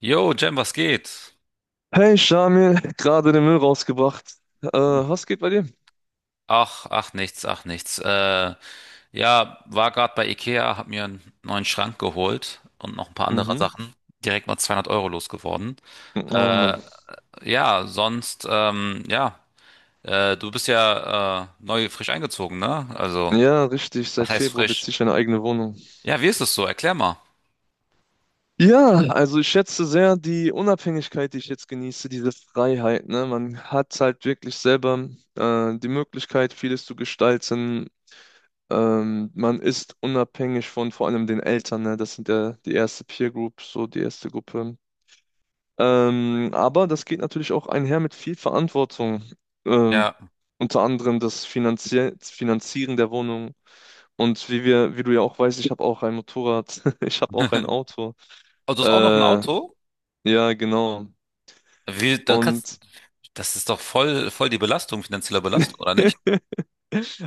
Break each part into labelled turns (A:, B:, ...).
A: Jo, Jem, was geht?
B: Hey Shamil, gerade den Müll rausgebracht. Was geht bei dir?
A: Ach, ach nichts, ach nichts. Ja, war gerade bei Ikea, hab mir einen neuen Schrank geholt und noch ein paar andere
B: Mhm.
A: Sachen. Direkt mal 200 Euro losgeworden.
B: Oh Mann.
A: Äh, ja, sonst, ja, du bist ja neu frisch eingezogen, ne? Also,
B: Ja, richtig.
A: was
B: Seit
A: heißt
B: Februar
A: frisch?
B: beziehe ich eine eigene Wohnung.
A: Ja, wie ist es so? Erklär mal.
B: Ja, also ich schätze sehr die Unabhängigkeit, die ich jetzt genieße, diese Freiheit. Ne? Man hat halt wirklich selber die Möglichkeit, vieles zu gestalten. Man ist unabhängig von vor allem den Eltern. Ne? Das sind ja die erste Peer Group, so die erste Gruppe. Aber das geht natürlich auch einher mit viel Verantwortung. Ähm,
A: Ja.
B: Unter anderem das Finanzieren der Wohnung. Und wie wir, wie du ja auch weißt, ich habe auch ein Motorrad, ich habe auch ein Auto.
A: Oh, du hast
B: Äh,
A: auch noch ein
B: ja,
A: Auto?
B: genau.
A: Wie, dann kannst,
B: Und
A: das ist doch voll, voll die Belastung, finanzielle Belastung, oder nicht?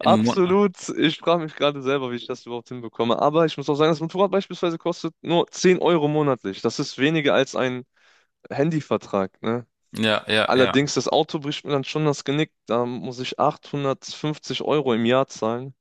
A: Im Monat.
B: absolut, ich frage mich gerade selber, wie ich das überhaupt hinbekomme. Aber ich muss auch sagen, das Motorrad beispielsweise kostet nur 10€ monatlich. Das ist weniger als ein Handyvertrag, ne?
A: Ja, ja, ja.
B: Allerdings, das Auto bricht mir dann schon das Genick. Da muss ich 850€ im Jahr zahlen.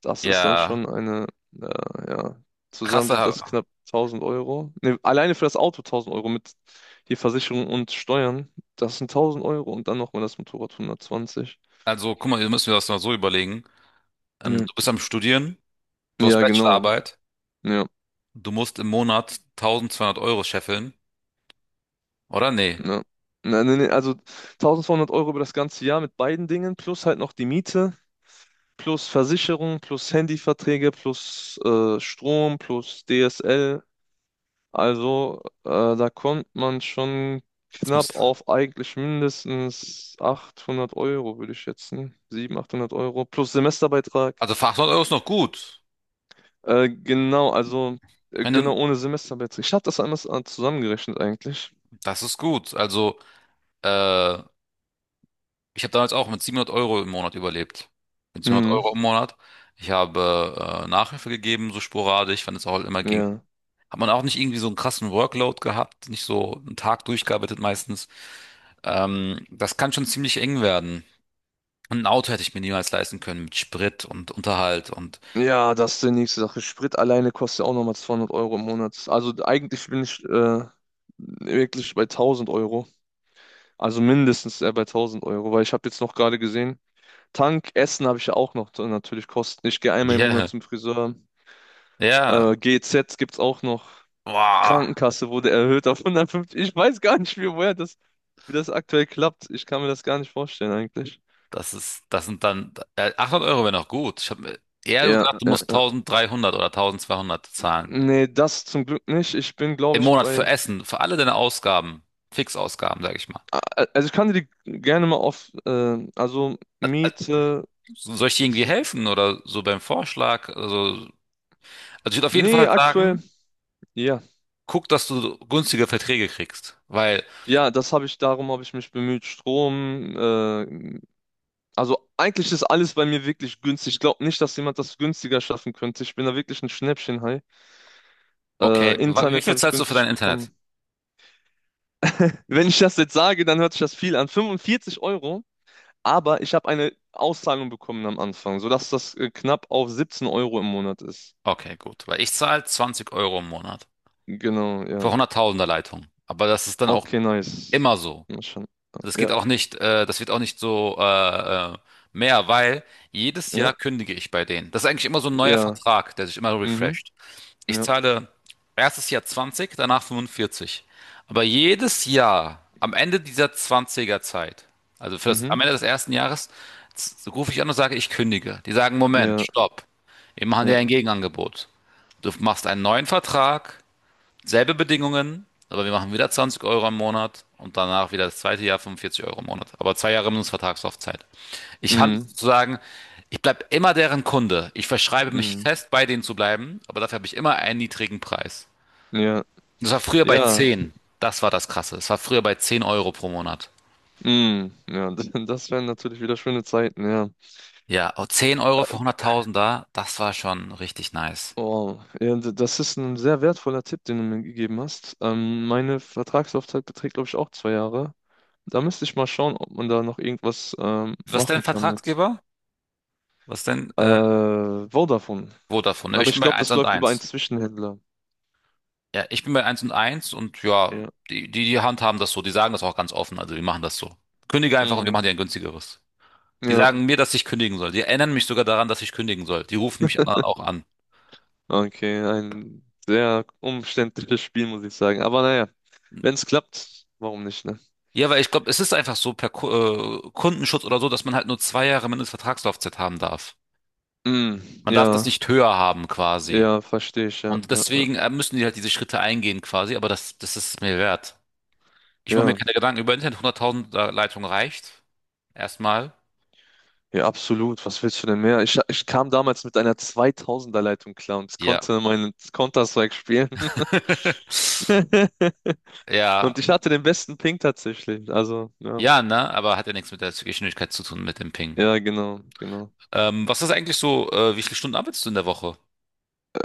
B: Das ist dann
A: Ja.
B: schon eine, äh, ja, zusammen sind
A: Krasser,
B: das knapp 1000€. Ne, alleine für das Auto 1000€ mit die Versicherung und Steuern. Das sind 1000€ und dann nochmal das Motorrad 120.
A: also guck mal, ihr müsst mir das mal so überlegen. Ähm,
B: Ja,
A: du bist am Studieren, du hast
B: ja genau.
A: Bachelorarbeit,
B: Ja,
A: du musst im Monat 1200 Euro scheffeln, oder? Nee,
B: ja. Na, nee, nee, also 1200€ über das ganze Jahr mit beiden Dingen, plus halt noch die Miete, plus Versicherung, plus Handyverträge, plus Strom, plus DSL. Also, da kommt man schon
A: das muss,
B: knapp auf eigentlich mindestens 800€, würde ich schätzen. 700, 800€ plus Semesterbeitrag.
A: also für 800 Euro ist noch gut.
B: Genau, also,
A: Ich meine,
B: genau ohne Semesterbeitrag. Ich habe das einmal zusammengerechnet eigentlich.
A: das ist gut. Also, äh, ich habe damals auch mit 700 Euro im Monat überlebt. Mit 700
B: Mhm,
A: Euro im Monat. Ich habe Nachhilfe gegeben, so sporadisch, wenn es auch immer ging.
B: ja.
A: Hat man auch nicht irgendwie so einen krassen Workload gehabt, nicht so einen Tag durchgearbeitet meistens. Das kann schon ziemlich eng werden. Ein Auto hätte ich mir niemals leisten können mit Sprit und Unterhalt und
B: Ja, das ist die nächste Sache. Sprit alleine kostet ja auch nochmal 200€ im Monat. Also, eigentlich bin ich wirklich bei 1000€. Also mindestens bei 1000€, weil ich habe jetzt noch gerade gesehen, Tank, Essen habe ich ja auch noch natürlich Kosten. Ich gehe einmal im Monat
A: ja,
B: zum Friseur.
A: ja,
B: GEZ gibt es auch noch.
A: wow,
B: Krankenkasse wurde erhöht auf 150. Ich weiß gar nicht, wie, woher das, wie das aktuell klappt. Ich kann mir das gar nicht vorstellen eigentlich.
A: das ist, das sind dann 800 Euro wäre noch gut. Ich habe eher so
B: Ja,
A: gedacht, du
B: ja,
A: musst
B: ja.
A: 1300 oder 1200 zahlen
B: Nee, das zum Glück nicht. Ich bin, glaube
A: im
B: ich,
A: Monat für
B: bei.
A: Essen, für alle deine Ausgaben, Fixausgaben, sage ich mal.
B: Also ich kann dir die gerne mal auf. Also Miete.
A: Soll ich dir
B: Das
A: irgendwie
B: sind.
A: helfen oder so beim Vorschlag? Also, ich würde auf jeden Fall
B: Nee, aktuell.
A: sagen,
B: Ja.
A: guck, dass du günstige Verträge kriegst, weil,
B: Ja, das habe ich, darum habe ich mich bemüht. Strom, also eigentlich ist alles bei mir wirklich günstig. Ich glaube nicht, dass jemand das günstiger schaffen könnte. Ich bin da wirklich ein Schnäppchenhai.
A: okay, wie
B: Internet
A: viel
B: habe ich
A: zahlst du für
B: günstig
A: dein Internet?
B: bekommen. Wenn ich das jetzt sage, dann hört sich das viel an. 45€, aber ich habe eine Auszahlung bekommen am Anfang, sodass das knapp auf 17€ im Monat ist.
A: Okay, gut, weil ich zahle 20 Euro im Monat,
B: Genau,
A: vor
B: ja.
A: 100.000er Leitung. Aber das ist dann auch
B: Okay, nice.
A: immer so.
B: Mal schauen.
A: Das
B: Ja,
A: geht auch nicht, das wird auch nicht so mehr, weil jedes
B: ja,
A: Jahr kündige ich bei denen. Das ist eigentlich immer so ein neuer
B: ja.
A: Vertrag, der sich immer
B: Mhm,
A: refresht. Ich
B: ja,
A: zahle erstes Jahr 20, danach 45. Aber jedes Jahr, am Ende dieser 20er Zeit, also für das,
B: mhm,
A: am Ende des ersten Jahres, rufe ich an und sage, ich kündige. Die sagen, Moment,
B: ja,
A: stopp. Wir machen
B: ja,
A: dir ein Gegenangebot. Du machst einen neuen Vertrag. Selbe Bedingungen, aber wir machen wieder 20 Euro im Monat und danach wieder das zweite Jahr 45 Euro im Monat. Aber 2 Jahre Mindestvertragslaufzeit. Ich kann
B: mhm,
A: sozusagen, ich bleibe immer deren Kunde. Ich verschreibe mich
B: mhm,
A: fest, bei denen zu bleiben, aber dafür habe ich immer einen niedrigen Preis.
B: ja,
A: Das war früher bei
B: ja.
A: 10. Das war das Krasse. Es war früher bei 10 Euro pro Monat.
B: Mm, ja, das wären natürlich wieder schöne Zeiten, ja.
A: Ja, oh, 10 Euro für 100.000 da, das war schon richtig nice.
B: Oh, ja, das ist ein sehr wertvoller Tipp, den du mir gegeben hast. Meine Vertragslaufzeit beträgt, glaube ich, auch 2 Jahre. Da müsste ich mal schauen, ob man da noch irgendwas
A: Was ist dein
B: machen kann mit
A: Vertragsgeber? Was ist dein
B: äh, Vodafone.
A: Vodafone?
B: Aber
A: Ich
B: ich
A: bin bei
B: glaube,
A: eins
B: das
A: und
B: läuft über einen
A: eins.
B: Zwischenhändler.
A: Ja, ich bin bei Eins und Eins und ja,
B: Ja.
A: die handhaben das so. Die sagen das auch ganz offen. Also wir machen das so. Kündige einfach und wir
B: Mm,
A: machen dir ein günstigeres. Die
B: ja,
A: sagen mir, dass ich kündigen soll. Die erinnern mich sogar daran, dass ich kündigen soll. Die rufen mich dann auch an.
B: okay, ein sehr umständliches Spiel, muss ich sagen. Aber naja, wenn es klappt, warum nicht, ne?
A: Ja, weil ich glaube, es ist einfach so per Kundenschutz oder so, dass man halt nur 2 Jahre Mindestvertragslaufzeit haben darf.
B: Mm,
A: Man darf, ja, das
B: ja,
A: nicht höher haben quasi.
B: ja, verstehe ich, ja,
A: Und
B: ja.
A: deswegen müssen die halt diese Schritte eingehen quasi, aber das ist es mir wert. Ich mache mir
B: Ja.
A: keine Gedanken über Internet. 100.000 Leitung reicht. Erstmal.
B: Ja, absolut. Was willst du denn mehr? Ich kam damals mit einer 2000er Leitung klar und
A: Ja.
B: konnte meinen Counter-Strike spielen.
A: Ja,
B: Und ich hatte den besten Ping tatsächlich. Also, ja.
A: ja, ne, aber hat ja nichts mit der Geschwindigkeit zu tun, mit dem Ping.
B: Ja, genau, genau.
A: Was ist eigentlich so, wie viele Stunden arbeitest du in der Woche?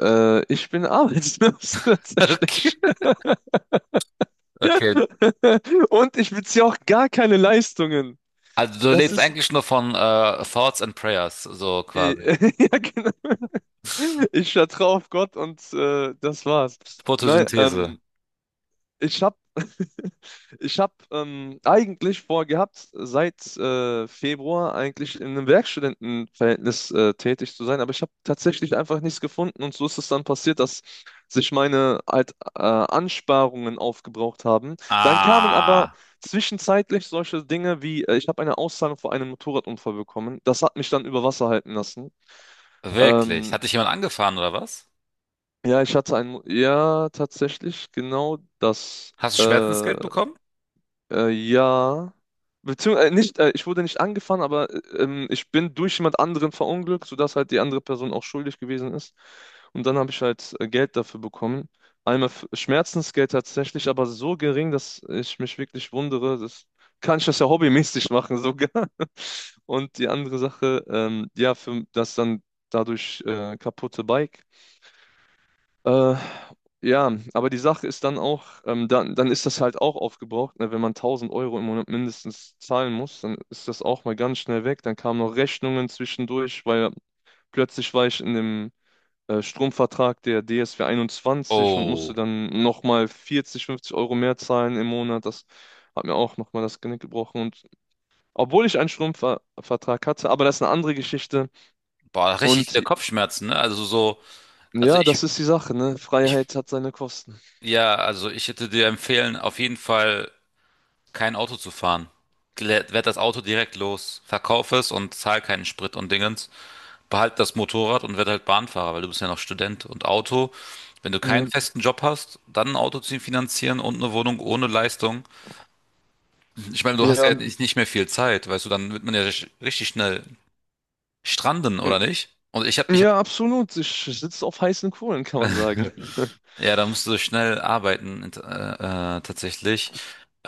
B: Ich bin arbeitslos
A: Okay.
B: tatsächlich.
A: Okay.
B: Und ich beziehe auch gar keine Leistungen.
A: Also du
B: Das
A: lebst
B: ist.
A: eigentlich nur von Thoughts and Prayers, so
B: äh,
A: quasi.
B: Ja, genau. Ich vertraue auf Gott und das war's. Nein,
A: Photosynthese.
B: ich habe ich habe eigentlich vorgehabt, seit Februar eigentlich in einem Werkstudentenverhältnis tätig zu sein, aber ich habe tatsächlich einfach nichts gefunden und so ist es dann passiert, dass sich meine halt, Ansparungen aufgebraucht haben. Dann kamen aber
A: Ah,
B: zwischenzeitlich solche Dinge wie, ich habe eine Auszahlung vor einem Motorradunfall bekommen. Das hat mich dann über Wasser halten lassen.
A: wirklich?
B: Ähm,
A: Hat dich jemand angefahren oder was?
B: ja, ich hatte ein, ja, tatsächlich genau das.
A: Hast du Schmerzensgeld bekommen?
B: Ja. Beziehungsweise, nicht, ich wurde nicht angefahren, aber ich bin durch jemand anderen verunglückt, sodass halt die andere Person auch schuldig gewesen ist. Und dann habe ich halt Geld dafür bekommen. Einmal Schmerzensgeld tatsächlich, aber so gering, dass ich mich wirklich wundere. Das kann ich das ja hobbymäßig machen sogar. Und die andere Sache, ja, für das dann dadurch kaputte Bike. Äh, ja, aber die Sache ist dann auch, dann ist das halt auch aufgebraucht, ne? Wenn man 1000€ im Monat mindestens zahlen muss, dann ist das auch mal ganz schnell weg. Dann kamen noch Rechnungen zwischendurch, weil plötzlich war ich in dem Stromvertrag der DSW 21 und
A: Oh,
B: musste dann nochmal 40, 50€ mehr zahlen im Monat. Das hat mir auch nochmal das Genick gebrochen. Und obwohl ich einen Stromvertrag hatte, aber das ist eine andere Geschichte.
A: boah, richtig
B: Und
A: viele Kopfschmerzen, ne? Also so, also
B: ja, das ist die Sache, ne?
A: ich,
B: Freiheit hat seine Kosten.
A: ja, also ich hätte dir empfehlen, auf jeden Fall kein Auto zu fahren. Werd das Auto direkt los. Verkauf es und zahl keinen Sprit und Dingens. Behalt das Motorrad und werd halt Bahnfahrer, weil du bist ja noch Student. Und Auto, wenn du keinen
B: Ja,
A: festen Job hast, dann ein Auto zu finanzieren und eine Wohnung ohne Leistung. Ich meine, du hast
B: ja.
A: ja, nicht mehr viel Zeit, weißt du, dann wird man ja richtig schnell stranden, oder nicht? Und ich hab
B: Ja, absolut. Ich sitze auf heißen Kohlen, kann man sagen.
A: ja, da musst du schnell arbeiten, tatsächlich.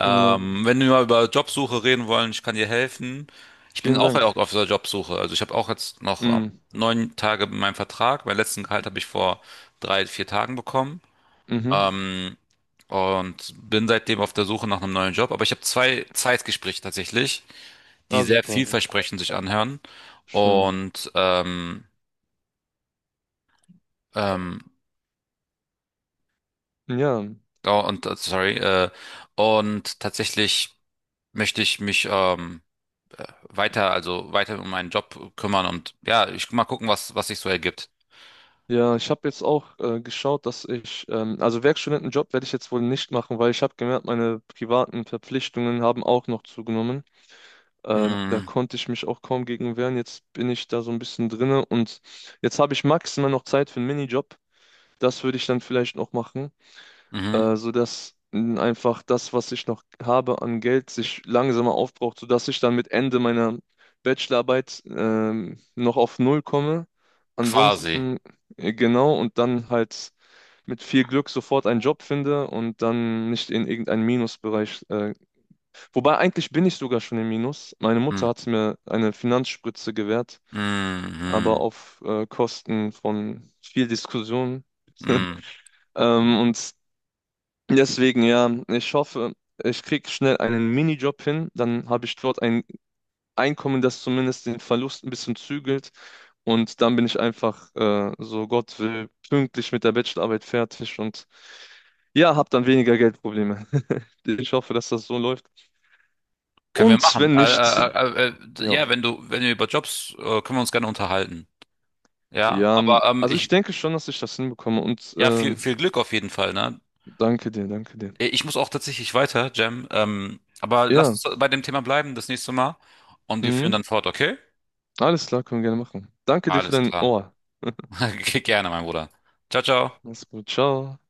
B: Ja,
A: wenn wir mal über Jobsuche reden wollen, ich kann dir helfen. Ich bin
B: vielen
A: auch
B: Dank.
A: auf der Jobsuche. Also ich habe auch jetzt noch
B: Mm,
A: 9 Tage in meinem Vertrag. Meinen letzten Gehalt habe ich vor 3, 4 Tagen bekommen.
B: mhm.
A: Ähm, und bin seitdem auf der Suche nach einem neuen Job. Aber ich habe zwei Zeitgespräche tatsächlich, die
B: Ah,
A: sehr
B: super.
A: vielversprechend sich anhören.
B: Schön.
A: Und ähm,
B: Ja,
A: oh, und sorry, tatsächlich möchte ich mich weiter, also weiter um meinen Job kümmern und ja, ich mal gucken, was sich so ergibt.
B: ja, ich habe jetzt auch geschaut, dass ich, also Werkstudentenjob werde ich jetzt wohl nicht machen, weil ich habe gemerkt, meine privaten Verpflichtungen haben auch noch zugenommen. Da
A: Mhm.
B: konnte ich mich auch kaum gegen wehren. Jetzt bin ich da so ein bisschen drinne und jetzt habe ich maximal noch Zeit für einen Minijob. Das würde ich dann vielleicht noch machen.
A: Mhm.
B: Sodass mh, einfach das, was ich noch habe an Geld, sich langsamer aufbraucht, sodass ich dann mit Ende meiner Bachelorarbeit noch auf Null komme.
A: Quasi.
B: Ansonsten, genau, und dann halt mit viel Glück sofort einen Job finde und dann nicht in irgendeinen Minusbereich. Wobei eigentlich bin ich sogar schon im Minus. Meine
A: Mhm.
B: Mutter hat mir eine Finanzspritze gewährt, aber
A: Mhm.
B: auf Kosten von viel Diskussion.
A: Mhm.
B: Ähm, und Deswegen, ja, ich hoffe, ich kriege schnell einen Minijob hin, dann habe ich dort ein Einkommen, das zumindest den Verlust ein bisschen zügelt und dann bin ich einfach, so Gott will, pünktlich mit der Bachelorarbeit fertig und ja, habe dann weniger Geldprobleme. Ich hoffe, dass das so läuft.
A: Können wir
B: Und
A: machen.
B: wenn
A: Äh,
B: nicht,
A: äh, äh, äh,
B: ja,
A: ja, wenn du, wenn wir über Jobs, können wir uns gerne unterhalten. Ja,
B: Jan,
A: aber
B: also ich denke schon, dass ich das hinbekomme und
A: ja, viel, viel Glück auf jeden Fall, ne?
B: danke dir, danke dir.
A: Ich muss auch tatsächlich weiter, Jam. Aber
B: Ja,
A: lass uns bei dem Thema bleiben das nächste Mal und wir führen
B: mhm,
A: dann fort, okay?
B: alles klar, können wir gerne machen. Danke dir für
A: Alles
B: dein
A: klar.
B: Ohr.
A: Gerne, mein Bruder. Ciao, ciao.
B: Mach's gut, ciao.